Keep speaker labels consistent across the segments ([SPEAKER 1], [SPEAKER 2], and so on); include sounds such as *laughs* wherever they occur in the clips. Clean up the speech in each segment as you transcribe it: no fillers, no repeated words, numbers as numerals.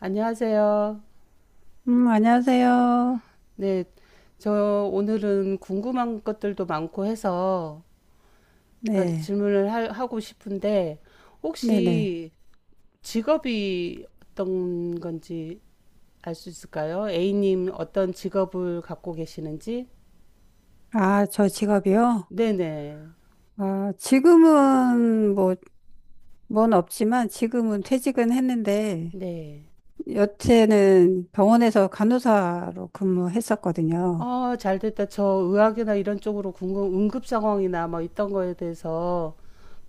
[SPEAKER 1] 안녕하세요.
[SPEAKER 2] 안녕하세요.
[SPEAKER 1] 네, 저 오늘은 궁금한 것들도 많고 해서 그러니까
[SPEAKER 2] 네,
[SPEAKER 1] 질문을 하고 싶은데
[SPEAKER 2] 네네.
[SPEAKER 1] 혹시 직업이 어떤 건지 알 수 있을까요? A님 어떤 직업을 갖고 계시는지?
[SPEAKER 2] 아, 저 직업이요?
[SPEAKER 1] 네네.
[SPEAKER 2] 아, 지금은 뭐, 뭔 없지만 지금은 퇴직은 했는데,
[SPEAKER 1] 네.
[SPEAKER 2] 여태는 병원에서 간호사로 근무했었거든요.
[SPEAKER 1] 아, 잘 됐다. 저 의학이나 이런 쪽으로 응급 상황이나 뭐 있던 거에 대해서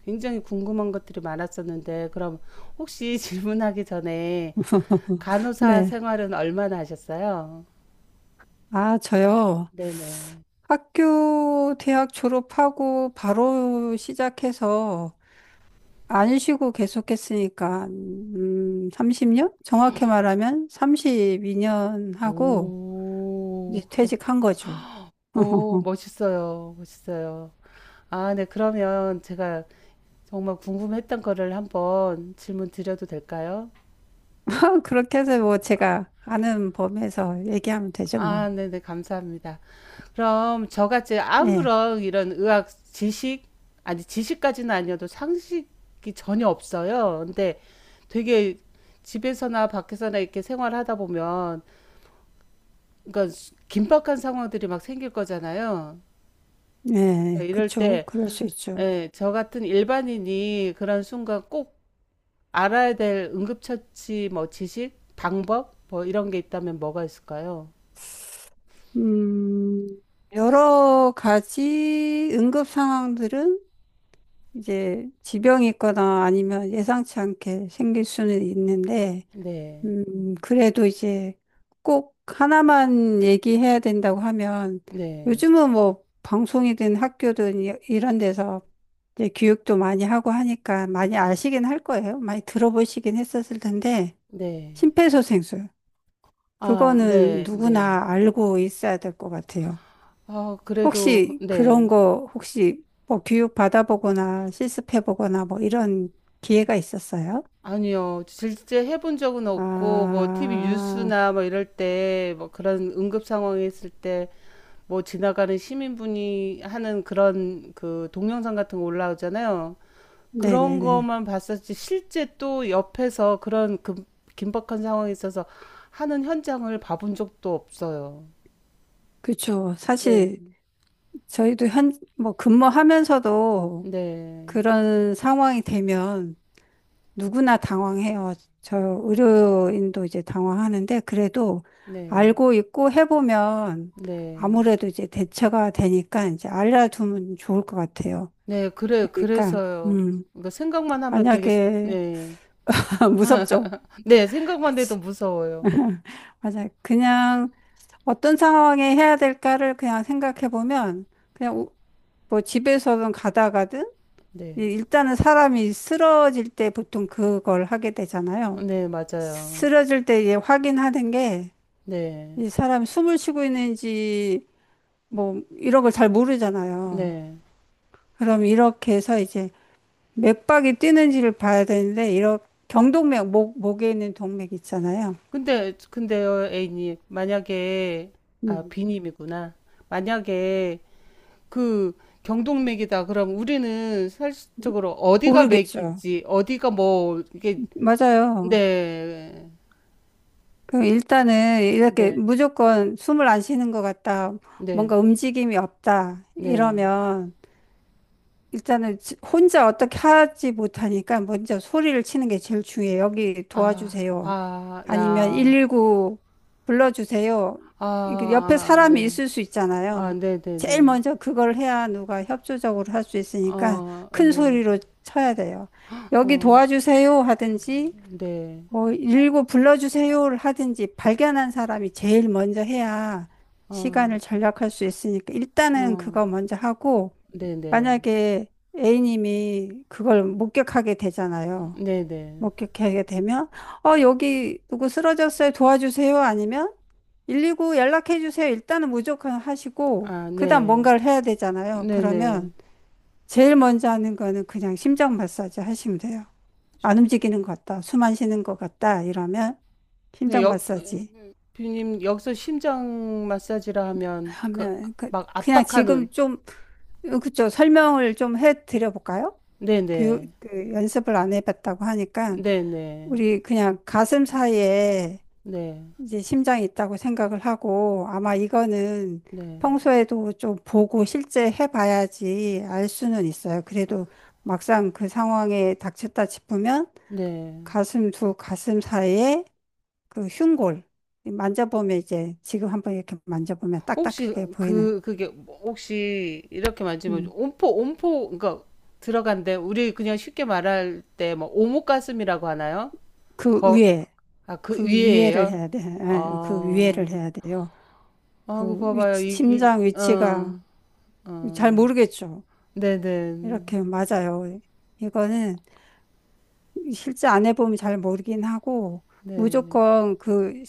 [SPEAKER 1] 굉장히 궁금한 것들이 많았었는데, 그럼 혹시 *laughs* 질문하기 전에
[SPEAKER 2] *laughs*
[SPEAKER 1] 간호사
[SPEAKER 2] 네.
[SPEAKER 1] 생활은 얼마나 하셨어요?
[SPEAKER 2] 아, 저요.
[SPEAKER 1] 네네.
[SPEAKER 2] 학교, 대학 졸업하고 바로 시작해서 안 쉬고 계속했으니까, 30년? 정확히 말하면 32년 하고,
[SPEAKER 1] 오,
[SPEAKER 2] 이제
[SPEAKER 1] 그렇군.
[SPEAKER 2] 퇴직한 거죠.
[SPEAKER 1] 오,
[SPEAKER 2] 어허.
[SPEAKER 1] 멋있어요. 멋있어요. 아, 네. 그러면 제가 정말 궁금했던 거를 한번 질문 드려도 될까요?
[SPEAKER 2] *laughs* 그렇게 해서 뭐 제가 아는 범위에서 얘기하면 되죠, 뭐.
[SPEAKER 1] 아, 네네. 감사합니다. 그럼 저같이
[SPEAKER 2] 예,
[SPEAKER 1] 아무런 이런 의학 지식, 아니, 지식까지는 아니어도 상식이 전혀 없어요. 근데 되게 집에서나 밖에서나 이렇게 생활하다 보면 그러니까 긴박한 상황들이 막 생길 거잖아요.
[SPEAKER 2] 예,
[SPEAKER 1] 그러니까 이럴
[SPEAKER 2] 그쵸.
[SPEAKER 1] 때,
[SPEAKER 2] 그럴 수 있죠.
[SPEAKER 1] 예, 저 같은 일반인이 그런 순간 꼭 알아야 될 응급처치 뭐 지식, 방법 뭐 이런 게 있다면 뭐가 있을까요?
[SPEAKER 2] 음, 여러 가지 응급 상황들은 이제 지병이 있거나 아니면 예상치 않게 생길 수는 있는데,
[SPEAKER 1] 네,
[SPEAKER 2] 그래도 이제 꼭 하나만 얘기해야 된다고 하면
[SPEAKER 1] 네,
[SPEAKER 2] 요즘은 뭐 방송이든 학교든 이런 데서 이제 교육도 많이 하고 하니까 많이 아시긴 할 거예요. 많이 들어보시긴 했었을 텐데
[SPEAKER 1] 네.
[SPEAKER 2] 심폐소생술
[SPEAKER 1] 아,
[SPEAKER 2] 그거는
[SPEAKER 1] 네, 네.
[SPEAKER 2] 누구나 알고 있어야 될 것 같아요.
[SPEAKER 1] 아, 그래도
[SPEAKER 2] 혹시 그런
[SPEAKER 1] 네.
[SPEAKER 2] 거 혹시 뭐 교육 받아보거나 실습해보거나 뭐 이런 기회가 있었어요?
[SPEAKER 1] 아니요. 실제 해본 적은 없고 뭐 TV
[SPEAKER 2] 아,
[SPEAKER 1] 뉴스나 뭐 이럴 때 뭐 그런 응급 상황이 있을 때 뭐 지나가는 시민분이 하는 그런 그 동영상 같은 거 올라오잖아요. 그런
[SPEAKER 2] 네네네.
[SPEAKER 1] 거만 봤었지 실제 또 옆에서 그런 그 긴박한 상황에 있어서 하는 현장을 봐본 적도 없어요.
[SPEAKER 2] 그렇죠. 사실
[SPEAKER 1] 네.
[SPEAKER 2] 저희도 뭐 근무하면서도
[SPEAKER 1] 네.
[SPEAKER 2] 그런 상황이 되면 누구나 당황해요. 저 의료인도 이제 당황하는데 그래도
[SPEAKER 1] 네.
[SPEAKER 2] 알고 있고 해보면
[SPEAKER 1] 네.
[SPEAKER 2] 아무래도 이제 대처가 되니까 이제 알려두면 좋을 것 같아요.
[SPEAKER 1] 네. 그래
[SPEAKER 2] 그러니까
[SPEAKER 1] 그래서요.
[SPEAKER 2] 음,
[SPEAKER 1] 그러니까 생각만 하면 되게
[SPEAKER 2] 만약에
[SPEAKER 1] 네.
[SPEAKER 2] *laughs* 무섭죠.
[SPEAKER 1] 네, 생각만 해도
[SPEAKER 2] 그치.
[SPEAKER 1] 무서워요.
[SPEAKER 2] *laughs* 맞아요. 그냥 어떤 상황에 해야 될까를 그냥 생각해 보면 그냥 뭐 집에서든 가다가든
[SPEAKER 1] 네.
[SPEAKER 2] 예, 일단은 사람이 쓰러질 때 보통 그걸 하게 되잖아요.
[SPEAKER 1] 어, 네, 맞아요.
[SPEAKER 2] 쓰러질 때 이제 확인하는 게
[SPEAKER 1] 네.
[SPEAKER 2] 이 사람이 숨을 쉬고 있는지 뭐 이런 걸 잘 모르잖아요.
[SPEAKER 1] 네.
[SPEAKER 2] 그럼 이렇게 해서 이제 맥박이 뛰는지를 봐야 되는데 이런 경동맥 목 목에 있는 동맥 있잖아요.
[SPEAKER 1] 근데요, A님 만약에 아
[SPEAKER 2] 음.
[SPEAKER 1] B님이구나. 만약에 그 경동맥이다. 그럼 우리는 사실적으로 어디가
[SPEAKER 2] 모르겠죠.
[SPEAKER 1] 맥이지, 어디가 뭐 이게
[SPEAKER 2] 맞아요.
[SPEAKER 1] 네,
[SPEAKER 2] 그럼 일단은 이렇게
[SPEAKER 1] 네,
[SPEAKER 2] 무조건 숨을 안 쉬는 것 같다.
[SPEAKER 1] 네,
[SPEAKER 2] 뭔가 움직임이 없다.
[SPEAKER 1] 네.
[SPEAKER 2] 이러면 일단은 혼자 어떻게 하지 못하니까 먼저 소리를 치는 게 제일 중요해요. 여기
[SPEAKER 1] 아,
[SPEAKER 2] 도와주세요.
[SPEAKER 1] 아,
[SPEAKER 2] 아니면
[SPEAKER 1] 야,
[SPEAKER 2] 119 불러주세요.
[SPEAKER 1] 아,
[SPEAKER 2] 이렇게 옆에
[SPEAKER 1] 아,
[SPEAKER 2] 사람이
[SPEAKER 1] 네,
[SPEAKER 2] 있을 수
[SPEAKER 1] 아,
[SPEAKER 2] 있잖아요.
[SPEAKER 1] 네, 네,
[SPEAKER 2] 제일
[SPEAKER 1] 네.
[SPEAKER 2] 먼저 그걸 해야 누가 협조적으로 할 수 있으니까
[SPEAKER 1] 어,
[SPEAKER 2] 큰
[SPEAKER 1] 네,
[SPEAKER 2] 소리로 쳐야 돼요. 여기
[SPEAKER 1] 어,
[SPEAKER 2] 도와주세요 하든지,
[SPEAKER 1] 네,
[SPEAKER 2] 뭐, 119 불러주세요를 하든지 발견한 사람이 제일 먼저 해야 시간을
[SPEAKER 1] 어,
[SPEAKER 2] 절약할 수 있으니까 일단은
[SPEAKER 1] 어,
[SPEAKER 2] 그거 먼저 하고,
[SPEAKER 1] 네, 네,
[SPEAKER 2] 만약에 A님이 그걸 목격하게 되잖아요.
[SPEAKER 1] 네, 네.
[SPEAKER 2] 목격하게 되면, 어, 여기 누구 쓰러졌어요? 도와주세요? 아니면 119 연락해 주세요. 일단은 무조건 하시고,
[SPEAKER 1] 아,
[SPEAKER 2] 그다음
[SPEAKER 1] 네,
[SPEAKER 2] 뭔가를 해야 되잖아요.
[SPEAKER 1] 네,
[SPEAKER 2] 그러면
[SPEAKER 1] 네.
[SPEAKER 2] 제일 먼저 하는 거는 그냥 심장 마사지 하시면 돼요. 안 움직이는 것 같다. 숨 안 쉬는 것 같다. 이러면
[SPEAKER 1] 네,
[SPEAKER 2] 심장
[SPEAKER 1] 여,
[SPEAKER 2] 마사지
[SPEAKER 1] 뷰님 여기서 심장 마사지라 하면 그
[SPEAKER 2] 하면,
[SPEAKER 1] 막
[SPEAKER 2] 그냥
[SPEAKER 1] 압박하는
[SPEAKER 2] 지금 좀, 그쵸. 설명을 좀 해 드려볼까요? 교육,
[SPEAKER 1] 네네
[SPEAKER 2] 그 연습을 안 해봤다고 하니까
[SPEAKER 1] 네네
[SPEAKER 2] 우리 그냥 가슴 사이에
[SPEAKER 1] 네네
[SPEAKER 2] 이제 심장이 있다고 생각을 하고 아마 이거는
[SPEAKER 1] 네
[SPEAKER 2] 평소에도 좀 보고 실제 해봐야지 알 수는 있어요. 그래도 막상 그 상황에 닥쳤다 싶으면
[SPEAKER 1] 네.
[SPEAKER 2] 가슴 사이에 그 흉골 만져보면 이제 지금 한번 이렇게 만져보면
[SPEAKER 1] 혹시
[SPEAKER 2] 딱딱하게 보이는
[SPEAKER 1] 그 그게 혹시 이렇게 만지면
[SPEAKER 2] 음,
[SPEAKER 1] 온포 그러니까 들어간데 우리 그냥 쉽게 말할 때 뭐 오목가슴이라고 하나요?
[SPEAKER 2] 그
[SPEAKER 1] 거
[SPEAKER 2] 위에
[SPEAKER 1] 아 그
[SPEAKER 2] 그 위에를
[SPEAKER 1] 위에예요?
[SPEAKER 2] 해야 돼. 예, 그 위에를
[SPEAKER 1] 아,
[SPEAKER 2] 해야 돼요.
[SPEAKER 1] 아, 그
[SPEAKER 2] 그
[SPEAKER 1] 봐봐요
[SPEAKER 2] 위치,
[SPEAKER 1] 이, 이,
[SPEAKER 2] 심장 위치가
[SPEAKER 1] 어,
[SPEAKER 2] 잘
[SPEAKER 1] 어,
[SPEAKER 2] 모르겠죠.
[SPEAKER 1] 네네
[SPEAKER 2] 이렇게 맞아요. 이거는 실제 안 해보면 잘 모르긴 하고
[SPEAKER 1] 네
[SPEAKER 2] 무조건 그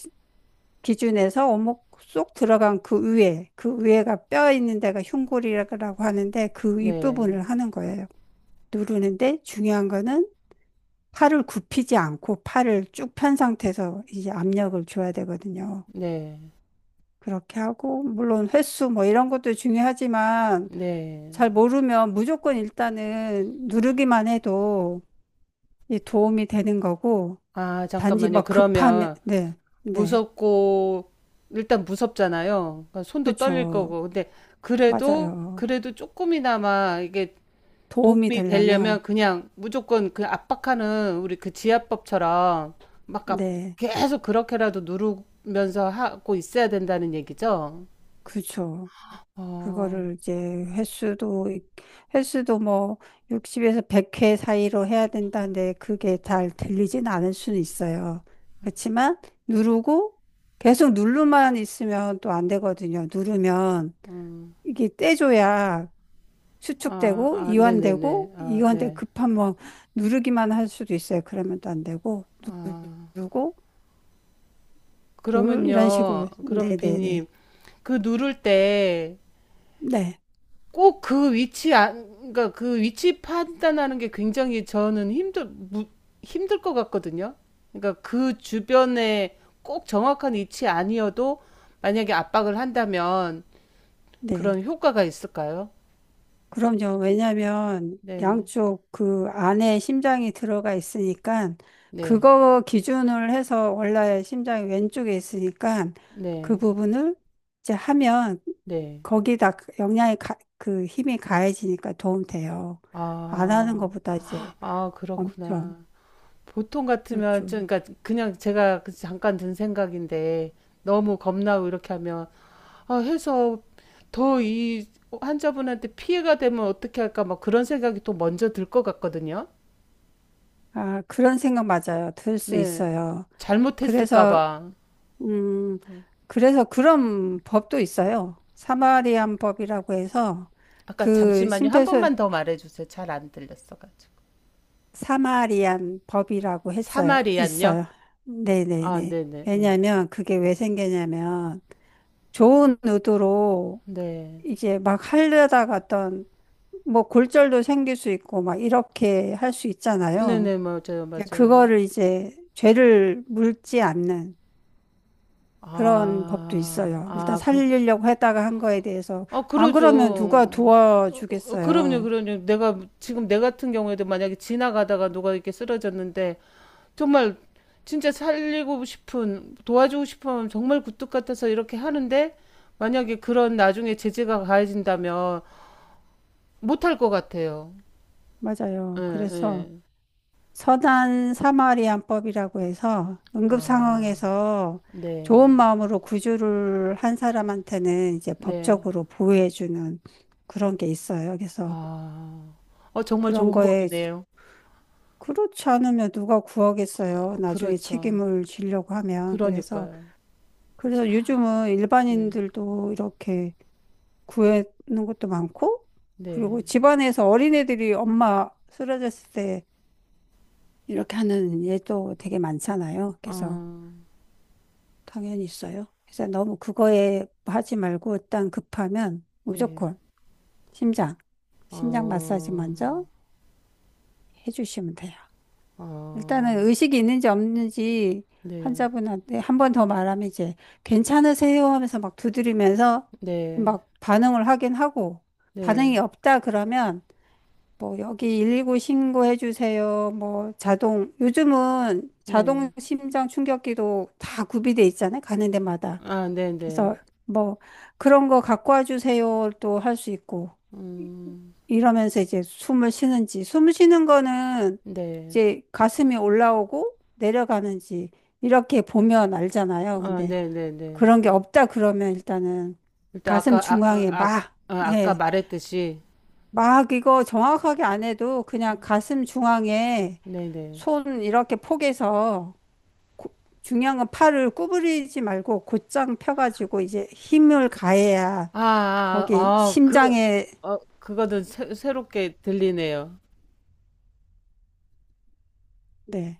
[SPEAKER 2] 기준에서 오목 쏙 들어간 그 위에 그 위에가 뼈 있는 데가 흉골이라고 하는데 그
[SPEAKER 1] 네,
[SPEAKER 2] 윗부분을 하는 거예요. 누르는데 중요한 거는 팔을 굽히지 않고 팔을 쭉 편 상태에서 이제 압력을 줘야 되거든요.
[SPEAKER 1] 네.
[SPEAKER 2] 그렇게 하고 물론 횟수 뭐 이런 것도 중요하지만 잘
[SPEAKER 1] 네.
[SPEAKER 2] 모르면 무조건 일단은 누르기만 해도 이 도움이 되는 거고,
[SPEAKER 1] 아,
[SPEAKER 2] 단지
[SPEAKER 1] 잠깐만요.
[SPEAKER 2] 막 급하면,
[SPEAKER 1] 그러면
[SPEAKER 2] 네, 네,
[SPEAKER 1] 무섭고 일단 무섭잖아요. 그러니까 손도 떨릴
[SPEAKER 2] 그쵸.
[SPEAKER 1] 거고. 근데 그래도
[SPEAKER 2] 맞아요.
[SPEAKER 1] 그래도 조금이나마 이게
[SPEAKER 2] 도움이
[SPEAKER 1] 도움이 되려면
[SPEAKER 2] 되려면,
[SPEAKER 1] 그냥 무조건 그 압박하는 우리 그 지압법처럼 막
[SPEAKER 2] 네,
[SPEAKER 1] 계속 그렇게라도 누르면서 하고 있어야 된다는 얘기죠.
[SPEAKER 2] 그쵸.
[SPEAKER 1] 어,
[SPEAKER 2] 그거를 이제 횟수도 뭐 60에서 100회 사이로 해야 된다는데 그게 잘 들리진 않을 수는 있어요. 그렇지만 누르고 계속 누르만 있으면 또 안 되거든요. 누르면
[SPEAKER 1] 음,
[SPEAKER 2] 이게 떼줘야
[SPEAKER 1] 아,
[SPEAKER 2] 수축되고
[SPEAKER 1] 아, 네네네.
[SPEAKER 2] 이완되고
[SPEAKER 1] 아,
[SPEAKER 2] 이완돼
[SPEAKER 1] 네.
[SPEAKER 2] 급한 뭐 누르기만 할 수도 있어요. 그러면 또 안 되고
[SPEAKER 1] 아,
[SPEAKER 2] 누르고 둘 이런
[SPEAKER 1] 그러면요.
[SPEAKER 2] 식으로
[SPEAKER 1] 그럼
[SPEAKER 2] 네네네
[SPEAKER 1] 비님,
[SPEAKER 2] 네
[SPEAKER 1] 그 누를 때
[SPEAKER 2] 네.
[SPEAKER 1] 꼭 그 위치 안 그러니까 그 위치 판단하는 게 굉장히 저는 힘들 것 같거든요. 그러니까 그 주변에 꼭 정확한 위치 아니어도 만약에 압박을 한다면
[SPEAKER 2] 네, 네.
[SPEAKER 1] 그런 효과가 있을까요?
[SPEAKER 2] 그럼요. 왜냐하면
[SPEAKER 1] 네.
[SPEAKER 2] 양쪽 그 안에 심장이 들어가 있으니까
[SPEAKER 1] 네.
[SPEAKER 2] 그거 기준을 해서 원래 심장이 왼쪽에 있으니까 그
[SPEAKER 1] 네.
[SPEAKER 2] 부분을 이제 하면
[SPEAKER 1] 네.
[SPEAKER 2] 거기다 영향이 가, 그 힘이 가해지니까 도움 돼요. 안 하는
[SPEAKER 1] 아.
[SPEAKER 2] 것보다 이제
[SPEAKER 1] 아,
[SPEAKER 2] 엄청
[SPEAKER 1] 그렇구나. 보통 같으면
[SPEAKER 2] 그렇죠.
[SPEAKER 1] 좀 그러니까 그냥 제가 그 잠깐 든 생각인데 너무 겁나고 이렇게 하면 아, 해서 더 이 환자분한테 피해가 되면 어떻게 할까 막 그런 생각이 또 먼저 들 것 같거든요.
[SPEAKER 2] 아, 그런 생각 맞아요. 들 수
[SPEAKER 1] 네.
[SPEAKER 2] 있어요.
[SPEAKER 1] 잘못했을까
[SPEAKER 2] 그래서,
[SPEAKER 1] 봐.
[SPEAKER 2] 음,
[SPEAKER 1] 음.
[SPEAKER 2] 그래서 그런 법도 있어요. 사마리안 법이라고 해서
[SPEAKER 1] 아까
[SPEAKER 2] 그
[SPEAKER 1] 잠시만요. 한
[SPEAKER 2] 심폐소,
[SPEAKER 1] 번만 더 말해 주세요. 잘 안 들렸어 가지고.
[SPEAKER 2] 사마리안 법이라고 했어요.
[SPEAKER 1] 사마리안요?
[SPEAKER 2] 있어요.
[SPEAKER 1] 아,
[SPEAKER 2] 네네네.
[SPEAKER 1] 네네. 네.
[SPEAKER 2] 왜냐면 그게 왜 생기냐면 좋은 의도로
[SPEAKER 1] 네.
[SPEAKER 2] 이제 막 하려다가 어떤 뭐 골절도 생길 수 있고 막 이렇게 할 수 있잖아요.
[SPEAKER 1] 네네, 맞아요,
[SPEAKER 2] 그러니까
[SPEAKER 1] 맞아요.
[SPEAKER 2] 그거를 이제 죄를 묻지 않는 그런 법도
[SPEAKER 1] 아,
[SPEAKER 2] 있어요. 일단
[SPEAKER 1] 아, 그,
[SPEAKER 2] 살리려고 했다가 한 거에 대해서
[SPEAKER 1] 아,
[SPEAKER 2] 안 그러면
[SPEAKER 1] 그러죠.
[SPEAKER 2] 누가
[SPEAKER 1] 어, 어, 그럼요,
[SPEAKER 2] 도와주겠어요.
[SPEAKER 1] 그럼요. 내가, 지금 내 같은 경우에도 만약에 지나가다가 누가 이렇게 쓰러졌는데, 정말 진짜 살리고 싶은, 도와주고 싶으면 정말 굴뚝 같아서 이렇게 하는데 만약에 그런 나중에 제재가 가해진다면 못 할 것 같아요. 예,
[SPEAKER 2] 맞아요. 그래서
[SPEAKER 1] 예.
[SPEAKER 2] 선한 사마리안법이라고 해서 응급
[SPEAKER 1] 아,
[SPEAKER 2] 상황에서 좋은
[SPEAKER 1] 네,
[SPEAKER 2] 마음으로 구조를 한 사람한테는 이제
[SPEAKER 1] 네.
[SPEAKER 2] 법적으로 보호해주는 그런 게 있어요. 그래서
[SPEAKER 1] 아, 어, 정말
[SPEAKER 2] 그런
[SPEAKER 1] 좋은
[SPEAKER 2] 거에
[SPEAKER 1] 법이네요.
[SPEAKER 2] 그렇지 않으면 누가 구하겠어요.
[SPEAKER 1] 어,
[SPEAKER 2] 나중에
[SPEAKER 1] 그렇죠.
[SPEAKER 2] 책임을 지려고 하면. 그래서
[SPEAKER 1] 그러니까요.
[SPEAKER 2] 그래서 요즘은
[SPEAKER 1] 네,
[SPEAKER 2] 일반인들도 이렇게 구하는 것도 많고, 그리고
[SPEAKER 1] 네.
[SPEAKER 2] 집안에서 어린애들이 엄마 쓰러졌을 때 이렇게 하는 예도 되게 많잖아요. 그래서
[SPEAKER 1] 아,
[SPEAKER 2] 당연히 있어요. 그래서 너무 그거에 하지 말고 일단 급하면
[SPEAKER 1] 네.
[SPEAKER 2] 무조건 심장, 심장 마사지
[SPEAKER 1] 어,
[SPEAKER 2] 먼저 해주시면 돼요.
[SPEAKER 1] 어,
[SPEAKER 2] 일단은 의식이 있는지 없는지
[SPEAKER 1] 네,
[SPEAKER 2] 환자분한테 한 번 더 말하면 이제 괜찮으세요 하면서 막 두드리면서
[SPEAKER 1] 네,
[SPEAKER 2] 막 반응을 하긴 하고 반응이
[SPEAKER 1] 네,
[SPEAKER 2] 없다 그러면 뭐 여기 119 신고해 주세요. 뭐 자동 요즘은
[SPEAKER 1] 네.
[SPEAKER 2] 자동 심장 충격기도 다 구비돼 있잖아요. 가는 데마다.
[SPEAKER 1] 아, 네, 네.
[SPEAKER 2] 그래서 뭐 그런 거 갖고 와 주세요. 또 할 수 있고
[SPEAKER 1] 음.
[SPEAKER 2] 이러면서 이제 숨을 쉬는지 숨 쉬는 거는
[SPEAKER 1] 네.
[SPEAKER 2] 이제 가슴이 올라오고 내려가는지 이렇게 보면 알잖아요.
[SPEAKER 1] 아,
[SPEAKER 2] 근데
[SPEAKER 1] 네네네.
[SPEAKER 2] 그런 게 없다 그러면 일단은
[SPEAKER 1] 일단
[SPEAKER 2] 가슴
[SPEAKER 1] 아까 아, 아,
[SPEAKER 2] 중앙에
[SPEAKER 1] 아,
[SPEAKER 2] 막
[SPEAKER 1] 아, 아까
[SPEAKER 2] 예.
[SPEAKER 1] 말했듯이
[SPEAKER 2] 막 이거 정확하게 안 해도 그냥 가슴 중앙에
[SPEAKER 1] 네네.
[SPEAKER 2] 손 이렇게 포개서 중요한 건 팔을 구부리지 말고 곧장 펴가지고 이제 힘을 가해야
[SPEAKER 1] 아, 아,
[SPEAKER 2] 거기
[SPEAKER 1] 아, 그,
[SPEAKER 2] 심장에
[SPEAKER 1] 어, 그거는 새롭게 들리네요.
[SPEAKER 2] 네,